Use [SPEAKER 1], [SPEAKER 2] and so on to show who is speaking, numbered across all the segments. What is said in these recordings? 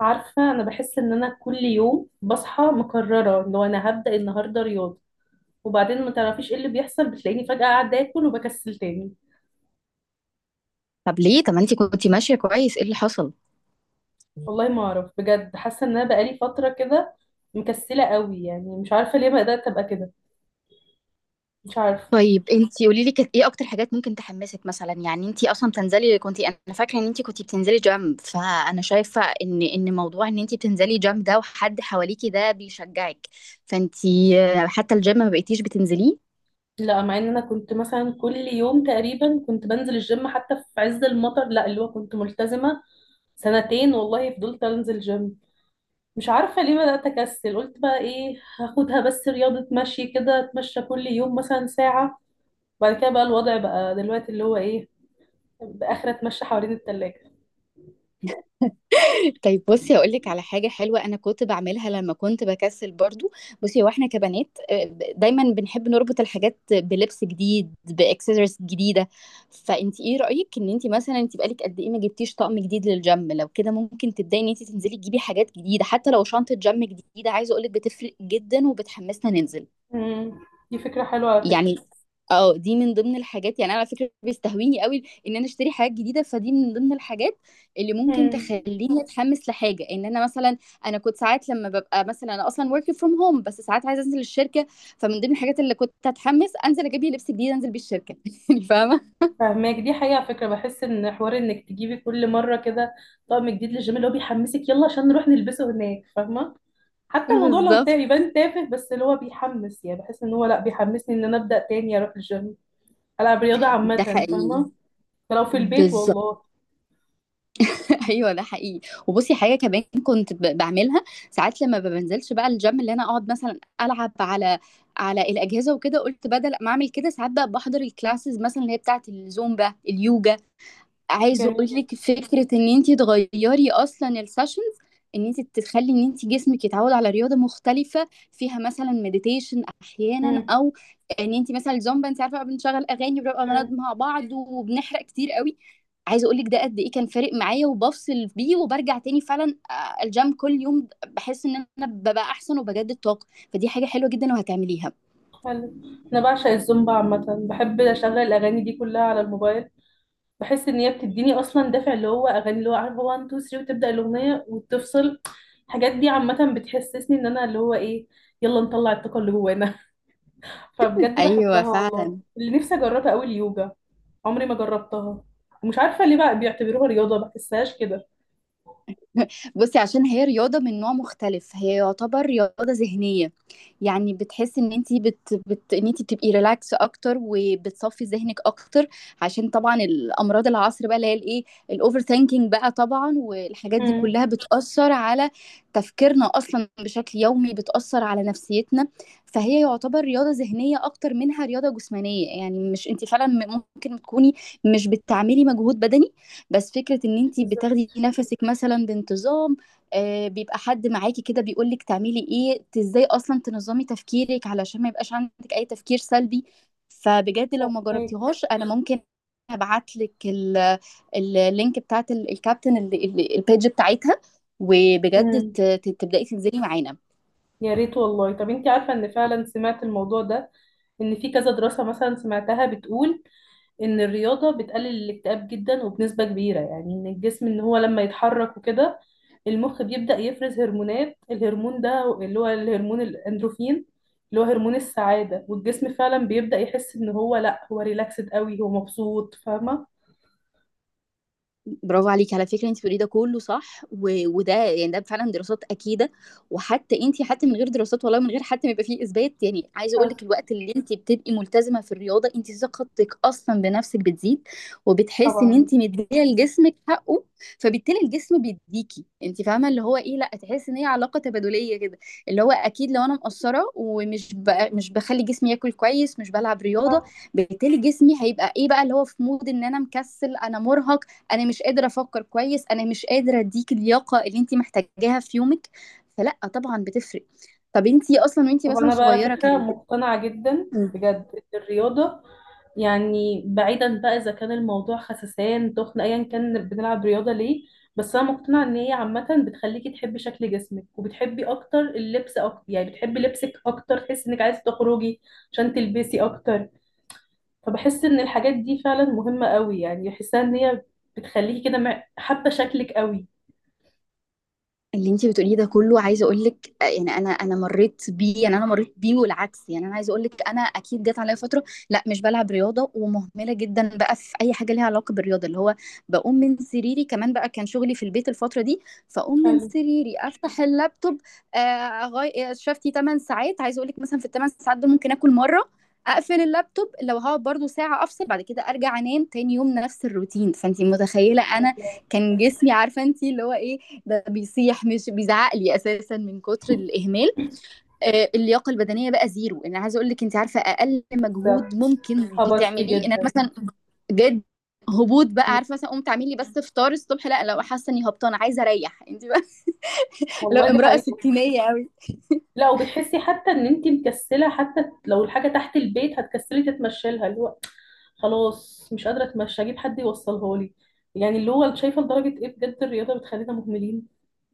[SPEAKER 1] عارفة، أنا بحس إن أنا كل يوم بصحى مكررة لو أنا هبدأ النهاردة رياضة، وبعدين ما تعرفيش إيه اللي بيحصل، بتلاقيني فجأة قاعدة آكل وبكسل تاني.
[SPEAKER 2] طب ليه؟ طب ما انت كنتي ماشيه كويس، ايه اللي حصل؟
[SPEAKER 1] والله ما أعرف، بجد حاسة إن أنا بقالي فترة كده مكسلة قوي، يعني مش عارفة ليه بدأت أبقى كده. مش عارفة.
[SPEAKER 2] طيب انت قولي لي، كانت ايه اكتر حاجات ممكن تحمسك؟ مثلا يعني انت اصلا بتنزلي كنت انا فاكره ان انت كنت بتنزلي جيم. فانا شايفه ان موضوع ان انت بتنزلي جيم ده، وحد حواليكي ده بيشجعك. فانت آه، حتى الجيم ما بقيتيش بتنزليه.
[SPEAKER 1] لا، مع إن أنا كنت مثلا كل يوم تقريبا كنت بنزل الجيم، حتى في عز المطر، لا اللي هو كنت ملتزمة سنتين والله، فضلت أنزل جيم. مش عارفة ليه بدأت أكسل. قلت بقى إيه، هاخدها بس رياضة مشي كده، أتمشى كل يوم مثلا ساعة. بعد كده بقى الوضع بقى دلوقتي اللي هو إيه، بآخر أتمشى حوالين التلاجة.
[SPEAKER 2] طيب بصي، هقول لك على حاجه حلوه انا كنت بعملها لما كنت بكسل برضو. بصي، هو احنا كبنات، دايما بنحب نربط الحاجات بلبس جديد، باكسسوارز جديده. فانت ايه رايك، ان انت مثلا انت بقالك قد ايه ما جبتيش طقم جديد للجيم؟ لو كده ممكن تبداي ان انت تنزلي تجيبي حاجات جديده، حتى لو شنطه جيم جديده. عايزه اقول لك بتفرق جدا وبتحمسنا ننزل.
[SPEAKER 1] مم. دي فكرة حلوة على فكرة.
[SPEAKER 2] يعني اه دي من ضمن الحاجات. يعني انا على فكره بيستهويني قوي ان انا اشتري حاجات جديده، فدي من ضمن الحاجات اللي ممكن
[SPEAKER 1] مم.
[SPEAKER 2] تخليني اتحمس لحاجه. ان انا مثلا انا كنت ساعات لما ببقى مثلا انا اصلا working from home، بس ساعات عايزه انزل الشركه. فمن ضمن الحاجات اللي كنت اتحمس، انزل اجيب لي لبس جديد انزل بيه الشركه يعني فاهمه.
[SPEAKER 1] فهماك، دي حقيقة على فكرة. بحس إن حوار إنك تجيبي كل مرة كده طقم جديد للجيم اللي هو بيحمسك، يلا عشان نروح نلبسه هناك، فاهمة؟ حتى الموضوع لو
[SPEAKER 2] بالظبط،
[SPEAKER 1] يبان تافه، بس اللي هو بيحمس، يعني بحس إن هو لأ، بيحمسني إن أنا أبدأ تاني أروح الجيم، ألعب رياضة
[SPEAKER 2] ده
[SPEAKER 1] عامة،
[SPEAKER 2] حقيقي.
[SPEAKER 1] فاهمة؟ ده لو في البيت والله.
[SPEAKER 2] ايوه، ده حقيقي. وبصي حاجه كمان كنت بعملها، ساعات لما ما بنزلش بقى الجيم اللي انا اقعد مثلا العب على الاجهزه وكده. قلت بدل ما اعمل كده، ساعات بقى بحضر الكلاسز مثلا، اللي هي بتاعه الزومبا، اليوجا. عايزه اقول
[SPEAKER 1] جميل.
[SPEAKER 2] لك فكره ان انت تغيري اصلا السيشنز، ان انت تخلي ان انت جسمك يتعود على رياضه مختلفه، فيها مثلا مديتيشن احيانا،
[SPEAKER 1] امم.
[SPEAKER 2] او ان انت مثلا الزومبا، انت عارفه بقى بنشغل اغاني، بنبقى بنقعد
[SPEAKER 1] امم.
[SPEAKER 2] مع بعض وبنحرق كتير قوي. عايزه اقول لك ده قد ايه كان فارق معايا، وبفصل بيه وبرجع تاني فعلا. الجيم كل يوم بحس ان انا ببقى احسن وبجدد طاقه. فدي حاجه حلوه جدا وهتعمليها.
[SPEAKER 1] حلو. انا بعشق الزومبا عامه، بحب اشغل الاغاني دي كلها على الموبايل. بحس ان هي بتديني اصلا دافع، اللي هو اغاني، اللي هو عارف، هو 1 2 3 وتبدا الاغنيه وتفصل. الحاجات دي عامه بتحسسني ان انا اللي هو ايه، يلا نطلع الطاقه اللي جوانا. فبجد
[SPEAKER 2] ايوه
[SPEAKER 1] بحبها والله.
[SPEAKER 2] فعلا.
[SPEAKER 1] اللي نفسي اجربها قوي اليوجا، عمري ما جربتها. ومش عارفه ليه بقى بيعتبروها رياضه، ما بحسهاش كده.
[SPEAKER 2] بصي، عشان هي رياضة من نوع مختلف، هي يعتبر رياضة ذهنية. يعني بتحس ان انتي ان انتي بتبقي ريلاكس اكتر وبتصفي ذهنك اكتر. عشان طبعا الامراض العصر بقى اللي هي الايه، الاوفر ثينكينج بقى طبعا، والحاجات دي
[SPEAKER 1] امم.
[SPEAKER 2] كلها بتأثر على تفكيرنا اصلا بشكل يومي، بتأثر على نفسيتنا. فهي يعتبر رياضة ذهنية اكتر منها رياضة جسمانية. يعني مش انتي فعلا ممكن تكوني مش بتعملي مجهود بدني، بس فكرة ان انتي بتاخدي
[SPEAKER 1] بالظبط.
[SPEAKER 2] نفسك مثلا بانتظام. بيبقى حد معاكي كده بيقولك تعملي ايه، ازاي اصلا تنظمي تفكيرك علشان ما يبقاش عندك اي تفكير سلبي. فبجد لو ما جربتيهاش، انا ممكن هبعتلك اللينك بتاعت الكابتن، البيج بتاعتها. وبجد
[SPEAKER 1] امم.
[SPEAKER 2] تبدأي تنزلي معانا.
[SPEAKER 1] يا ريت والله. طب انت عارفة ان فعلا سمعت الموضوع ده، ان في كذا دراسة مثلا سمعتها بتقول ان الرياضة بتقلل الاكتئاب جدا وبنسبة كبيرة، يعني ان الجسم، ان هو لما يتحرك وكده، المخ بيبدأ يفرز هرمونات، الهرمون ده اللي هو الهرمون الاندروفين، اللي هو هرمون السعادة، والجسم فعلا بيبدأ يحس ان هو لا، هو ريلاكسد قوي، هو مبسوط، فاهمة؟
[SPEAKER 2] برافو عليكي على فكرة، انت بتقولي ده كله صح. وده يعني ده فعلا دراسات أكيدة. وحتى انت، حتى من غير دراسات والله، من غير حتى ما يبقى فيه إثبات، يعني عايزة أقول لك
[SPEAKER 1] حصل.
[SPEAKER 2] الوقت اللي انت بتبقي ملتزمة في الرياضة، انت ثقتك أصلا بنفسك بتزيد، وبتحسي ان
[SPEAKER 1] طبعا.
[SPEAKER 2] انت مدية لجسمك حقه. فبالتالي الجسم بيديكي انت، فاهمة اللي هو ايه، لا تحسي ان هي علاقة تبادلية كده. اللي هو أكيد لو أنا مقصرة ومش ب... مش بخلي جسمي ياكل كويس، مش بلعب رياضة،
[SPEAKER 1] صح.
[SPEAKER 2] بالتالي جسمي هيبقى ايه بقى، اللي هو في مود ان انا مكسل، انا مرهق، انا مش قادره افكر كويس، انا مش قادره اديك اللياقه اللي انت محتاجاها في يومك. فلا طبعا بتفرق. طب انت اصلا وانت
[SPEAKER 1] طب
[SPEAKER 2] مثلا
[SPEAKER 1] انا بقى على
[SPEAKER 2] صغيره كان؟
[SPEAKER 1] فكره مقتنعه جدا بجد إن الرياضه، يعني بعيدا بقى اذا كان الموضوع خسسان تخن ايا كان بنلعب رياضه ليه، بس انا مقتنعه ان هي عامه بتخليكي تحبي شكل جسمك، وبتحبي اكتر اللبس اكتر، يعني بتحبي لبسك اكتر، تحسي انك عايزه تخرجي عشان تلبسي اكتر. فبحس ان الحاجات دي فعلا مهمه قوي، يعني بحسها ان هي بتخليكي كده حابه شكلك قوي.
[SPEAKER 2] اللي انتي بتقوليه ده كله عايزه اقول لك يعني، انا مريت بيه. يعني انا مريت بيه والعكس. يعني انا عايزه اقول لك انا اكيد جت عليا فتره لا مش بلعب رياضه، ومهمله جدا بقى في اي حاجه ليها علاقه بالرياضه. اللي هو بقوم من سريري، كمان بقى كان شغلي في البيت الفتره دي، فاقوم من
[SPEAKER 1] حلو.
[SPEAKER 2] سريري افتح اللابتوب. شفتي 8 ساعات. عايزه اقول لك مثلا في الثمان ساعات دول ممكن اكل مره. اقفل اللابتوب، لو هقعد برضو ساعه، افصل بعد كده ارجع انام، تاني يوم نفس الروتين. فانتي متخيله انا كان جسمي، عارفه انت اللي هو ايه، ده بيصيح مش بيزعق لي اساسا من كتر الاهمال. اللياقه البدنيه بقى زيرو. انا عايزه اقول لك انت عارفه اقل مجهود
[SPEAKER 1] بالظبط.
[SPEAKER 2] ممكن
[SPEAKER 1] هبطتي
[SPEAKER 2] تعمليه ان انا
[SPEAKER 1] جدا.
[SPEAKER 2] مثلا جد هبوط بقى،
[SPEAKER 1] مم.
[SPEAKER 2] عارفه مثلا قمت اعمل لي بس فطار الصبح. لا لو حاسه اني هبطانه، عايزه اريح انت بقى لو
[SPEAKER 1] والله دي
[SPEAKER 2] امراه
[SPEAKER 1] حقيقة.
[SPEAKER 2] ستينيه قوي.
[SPEAKER 1] لا، وبتحسي حتى ان انت مكسله حتى لو الحاجه تحت البيت، هتكسلي تتمشي لها، اللي هو خلاص مش قادره اتمشى، اجيب حد يوصلها لي. يعني اللي هو شايفه لدرجه ايه بجد الرياضه بتخلينا مهملين.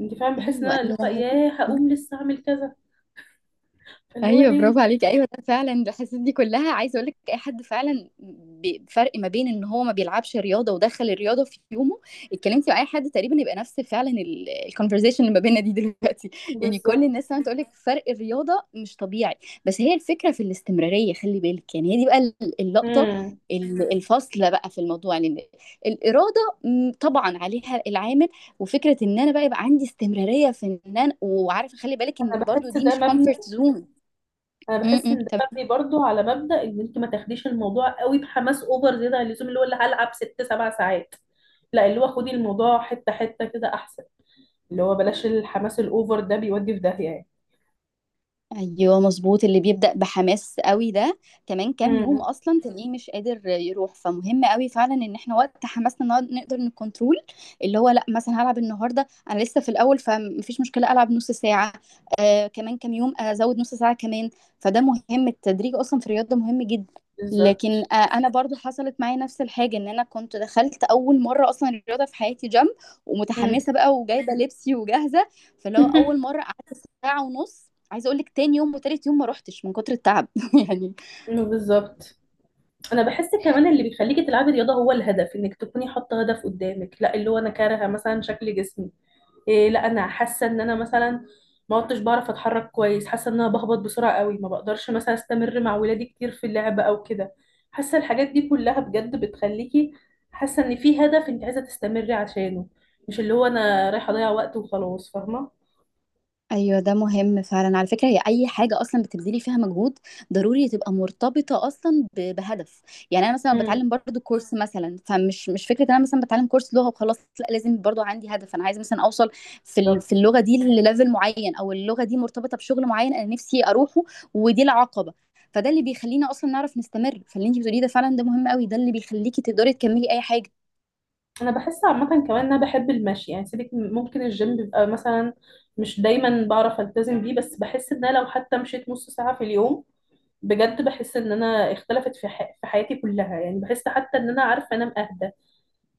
[SPEAKER 1] انت فعلا بحس ان
[SPEAKER 2] ايوه
[SPEAKER 1] انا اللي
[SPEAKER 2] ايوه.
[SPEAKER 1] هو ياه، هقوم لسه اعمل كذا، فاللي هو
[SPEAKER 2] ايوه برافو
[SPEAKER 1] ليه؟
[SPEAKER 2] عليكي، ايوه ده فعلا الحاسيس دي كلها. عايزه اقول لك اي حد فعلا بفرق ما بين ان هو ما بيلعبش رياضه، ودخل الرياضه في يومه. اتكلمتي مع اي حد تقريبا يبقى نفس فعلا الكونفرزيشن اللي ما بيننا دي دلوقتي يعني كل
[SPEAKER 1] بالظبط.
[SPEAKER 2] الناس فعلا تقول لك فرق الرياضه مش طبيعي. بس هي الفكره في الاستمراريه، خلي بالك. يعني هي دي بقى اللقطه،
[SPEAKER 1] امم.
[SPEAKER 2] الفاصله بقى في الموضوع. لان الاراده طبعا عليها العامل. وفكره ان انا بقى يبقى عندي استمراريه في ان انا، وعارفه خلي بالك ان
[SPEAKER 1] انا
[SPEAKER 2] برضو
[SPEAKER 1] بحس
[SPEAKER 2] دي
[SPEAKER 1] ده
[SPEAKER 2] مش
[SPEAKER 1] مبني،
[SPEAKER 2] كومفورت زون.
[SPEAKER 1] انا
[SPEAKER 2] م-
[SPEAKER 1] بحس ان ده
[SPEAKER 2] م.
[SPEAKER 1] مبني برضو على مبدأ ان انت ما تاخديش الموضوع قوي بحماس اوفر زياده عن اللزوم، اللي هو اللي هلعب ست سبع ساعات. لا، اللي هو خدي الموضوع حته حته كده احسن، اللي هو بلاش الحماس الأوفر ده، بيودي في داهية يعني.
[SPEAKER 2] ايوه مظبوط. اللي بيبدأ بحماس قوي ده كمان كام يوم
[SPEAKER 1] امم.
[SPEAKER 2] اصلا تلاقيه مش قادر يروح. فمهم قوي فعلا ان احنا وقت حماسنا نقدر نكنترول. اللي هو لا مثلا هلعب النهارده، انا لسه في الاول فمفيش مشكله، العب نص ساعه. كمان كام يوم ازود نص ساعه كمان. فده مهم، التدريج اصلا في الرياضه مهم جدا. لكن
[SPEAKER 1] بالظبط.
[SPEAKER 2] انا برضو حصلت معايا نفس الحاجه، ان انا كنت دخلت اول مره اصلا الرياضه في حياتي جيم،
[SPEAKER 1] امم.
[SPEAKER 2] ومتحمسه بقى وجايبه لبسي وجاهزه. فاللي هو اول مره قعدت ساعه ونص. عايزه اقول لك تاني يوم وتالت يوم ما روحتش من كتر التعب يعني.
[SPEAKER 1] بالظبط. انا بحس كمان اللي بيخليكي تلعبي رياضه هو الهدف، انك تكوني حاطه هدف قدامك، لا اللي هو انا كارهه مثلا شكل جسمي، إيه، لا انا حاسه ان انا مثلا ما عدتش بعرف اتحرك كويس، حاسه ان انا بهبط بسرعه قوي، ما بقدرش مثلا استمر مع ولادي كتير في اللعب او كده. حاسه الحاجات دي كلها بجد بتخليكي حاسه ان في هدف انت عايزه تستمري عشانه، مش اللي هو انا رايحه اضيع وقت وخلاص، فاهمه؟
[SPEAKER 2] ايوه ده مهم فعلا على فكره، هي اي حاجه اصلا بتبذلي فيها مجهود ضروري تبقى مرتبطه اصلا بهدف. يعني انا مثلا بتعلم برضو كورس مثلا، فمش مش فكره انا مثلا بتعلم كورس لغه وخلاص، لا لازم برضو عندي هدف، انا عايزه مثلا اوصل في
[SPEAKER 1] بالظبط.
[SPEAKER 2] اللغه دي لليفل معين، او اللغه دي مرتبطه بشغل معين انا نفسي اروحه. ودي العقبه. فده اللي بيخلينا اصلا نعرف نستمر. فاللي انت بتقوليه ده فعلا، ده مهم قوي، ده اللي بيخليكي تقدري تكملي اي حاجه.
[SPEAKER 1] انا بحس عامه كمان ان انا بحب المشي، يعني سيبك ممكن الجيم بيبقى مثلا مش دايما بعرف التزم بيه، بس بحس ان انا لو حتى مشيت نص ساعه في اليوم، بجد بحس ان انا اختلفت في في حياتي كلها، يعني بحس حتى ان انا عارفه انام اهدى،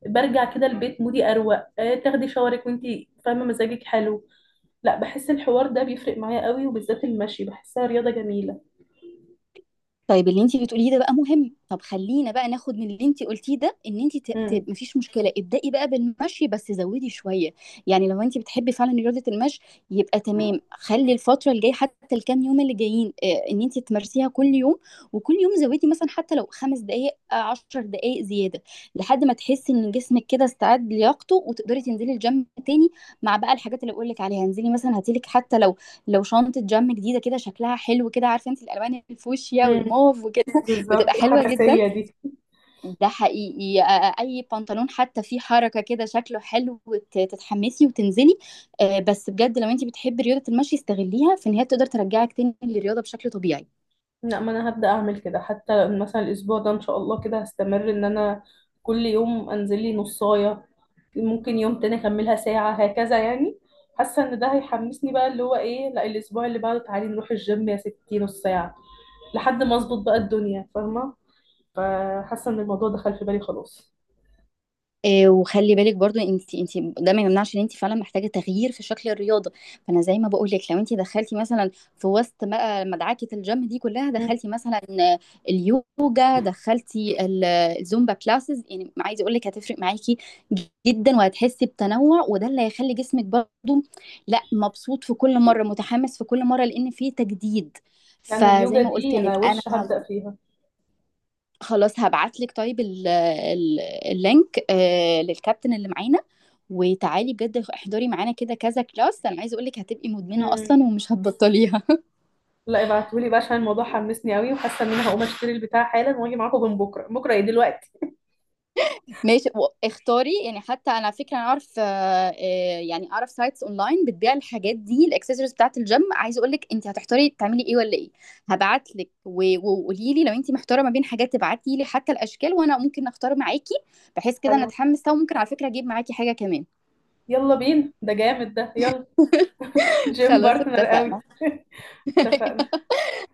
[SPEAKER 1] برجع كده البيت مودي اروق، آه، تاخدي شاورك وانتي فاهمه مزاجك حلو. لا، بحس الحوار ده بيفرق معايا قوي، وبالذات المشي بحسها رياضه جميله.
[SPEAKER 2] طيب اللي انت بتقوليه ده بقى مهم، طب خلينا بقى ناخد من اللي انت قلتيه ده ان انت
[SPEAKER 1] امم.
[SPEAKER 2] مفيش مشكله، ابدأي بقى بالمشي بس زودي شويه. يعني لو انت بتحبي فعلا رياضه المشي، يبقى تمام. خلي الفتره الجايه حتى الكام يوم اللي جايين ان انت تمارسيها كل يوم، وكل يوم زودي مثلا حتى لو 5 دقائق، 10 دقائق زياده، لحد ما تحسي ان جسمك كده استعد لياقته وتقدري تنزلي الجيم تاني. مع بقى الحاجات اللي بقول لك عليها، انزلي مثلا هاتيلك، حتى لو شنطة جم جديدة كده شكلها حلو كده، عارفة انت الألوان الفوشيا
[SPEAKER 1] امم.
[SPEAKER 2] والموف وكده بتبقى
[SPEAKER 1] بالظبط،
[SPEAKER 2] حلوة جدا.
[SPEAKER 1] الحماسية دي.
[SPEAKER 2] ده حقيقي. أي بنطلون حتى فيه حركة كده شكله حلو وت- تتحمسي وتنزلي. بس بجد لو انت بتحبي رياضة المشي، استغليها في إن هي تقدر ترجعك تاني للرياضة بشكل طبيعي.
[SPEAKER 1] لا، ما انا هبدأ اعمل كده، حتى مثلا الاسبوع ده ان شاء الله كده هستمر، ان انا كل يوم انزل لي نصاية، ممكن يوم تاني اكملها ساعة، هكذا يعني. حاسة ان ده هيحمسني بقى، اللي هو ايه، لا الاسبوع اللي بعده تعالي نروح الجيم يا ستي نص ساعة، لحد ما اظبط بقى الدنيا، فاهمة؟ فحاسة ان الموضوع دخل في بالي خلاص.
[SPEAKER 2] وخلي بالك برضو، انت ده ما يمنعش ان انت فعلا محتاجه تغيير في شكل الرياضه. فانا زي ما بقول لك لو انت دخلتي مثلا في وسط بقى مدعكه الجيم دي كلها،
[SPEAKER 1] مم.
[SPEAKER 2] دخلتي مثلا اليوجا، دخلتي الزومبا كلاسز، يعني عايزه اقول لك هتفرق معاكي جدا. وهتحسي بتنوع، وده اللي هيخلي جسمك برضو لا مبسوط في كل مره، متحمس في كل مره، لان في تجديد.
[SPEAKER 1] لان
[SPEAKER 2] فزي
[SPEAKER 1] اليوجا
[SPEAKER 2] ما قلت
[SPEAKER 1] دي انا
[SPEAKER 2] لك انا،
[SPEAKER 1] وش هبدأ فيها.
[SPEAKER 2] خلاص هبعت لك. طيب اللينك للكابتن اللي معانا. وتعالي بجد احضري معانا كده كذا كلاس، انا عايزه اقول لك هتبقي مدمنه
[SPEAKER 1] مم.
[SPEAKER 2] اصلا ومش هتبطليها
[SPEAKER 1] لا ابعتولي بقى، عشان الموضوع حمسني قوي، وحاسة ان انا هقوم اشتري البتاع حالا، واجي معاكم من بكرة، ايه دلوقتي؟
[SPEAKER 2] ماشي، واختاري. يعني حتى انا على فكره انا اعرف، يعني اعرف سايتس اونلاين بتبيع الحاجات دي، الاكسسوارز بتاعه الجيم. عايزه اقول لك انت هتحتاري تعملي ايه ولا ايه. هبعت لك وقولي لي لو انت محتاره ما بين حاجات، تبعتي لي حتى الاشكال وانا ممكن اختار معاكي، بحيث كده
[SPEAKER 1] حلو.
[SPEAKER 2] نتحمس سوا. ممكن على فكره اجيب معاكي حاجه كمان.
[SPEAKER 1] يلا بينا، ده جامد ده، يلا. جيم
[SPEAKER 2] خلاص
[SPEAKER 1] بارتنر قوي.
[SPEAKER 2] اتفقنا.
[SPEAKER 1] اتفقنا.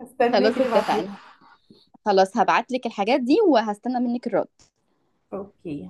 [SPEAKER 1] هستناك
[SPEAKER 2] خلاص
[SPEAKER 1] كده بعدين.
[SPEAKER 2] اتفقنا. خلاص هبعت لك الحاجات دي وهستنى منك الرد.
[SPEAKER 1] اوكي.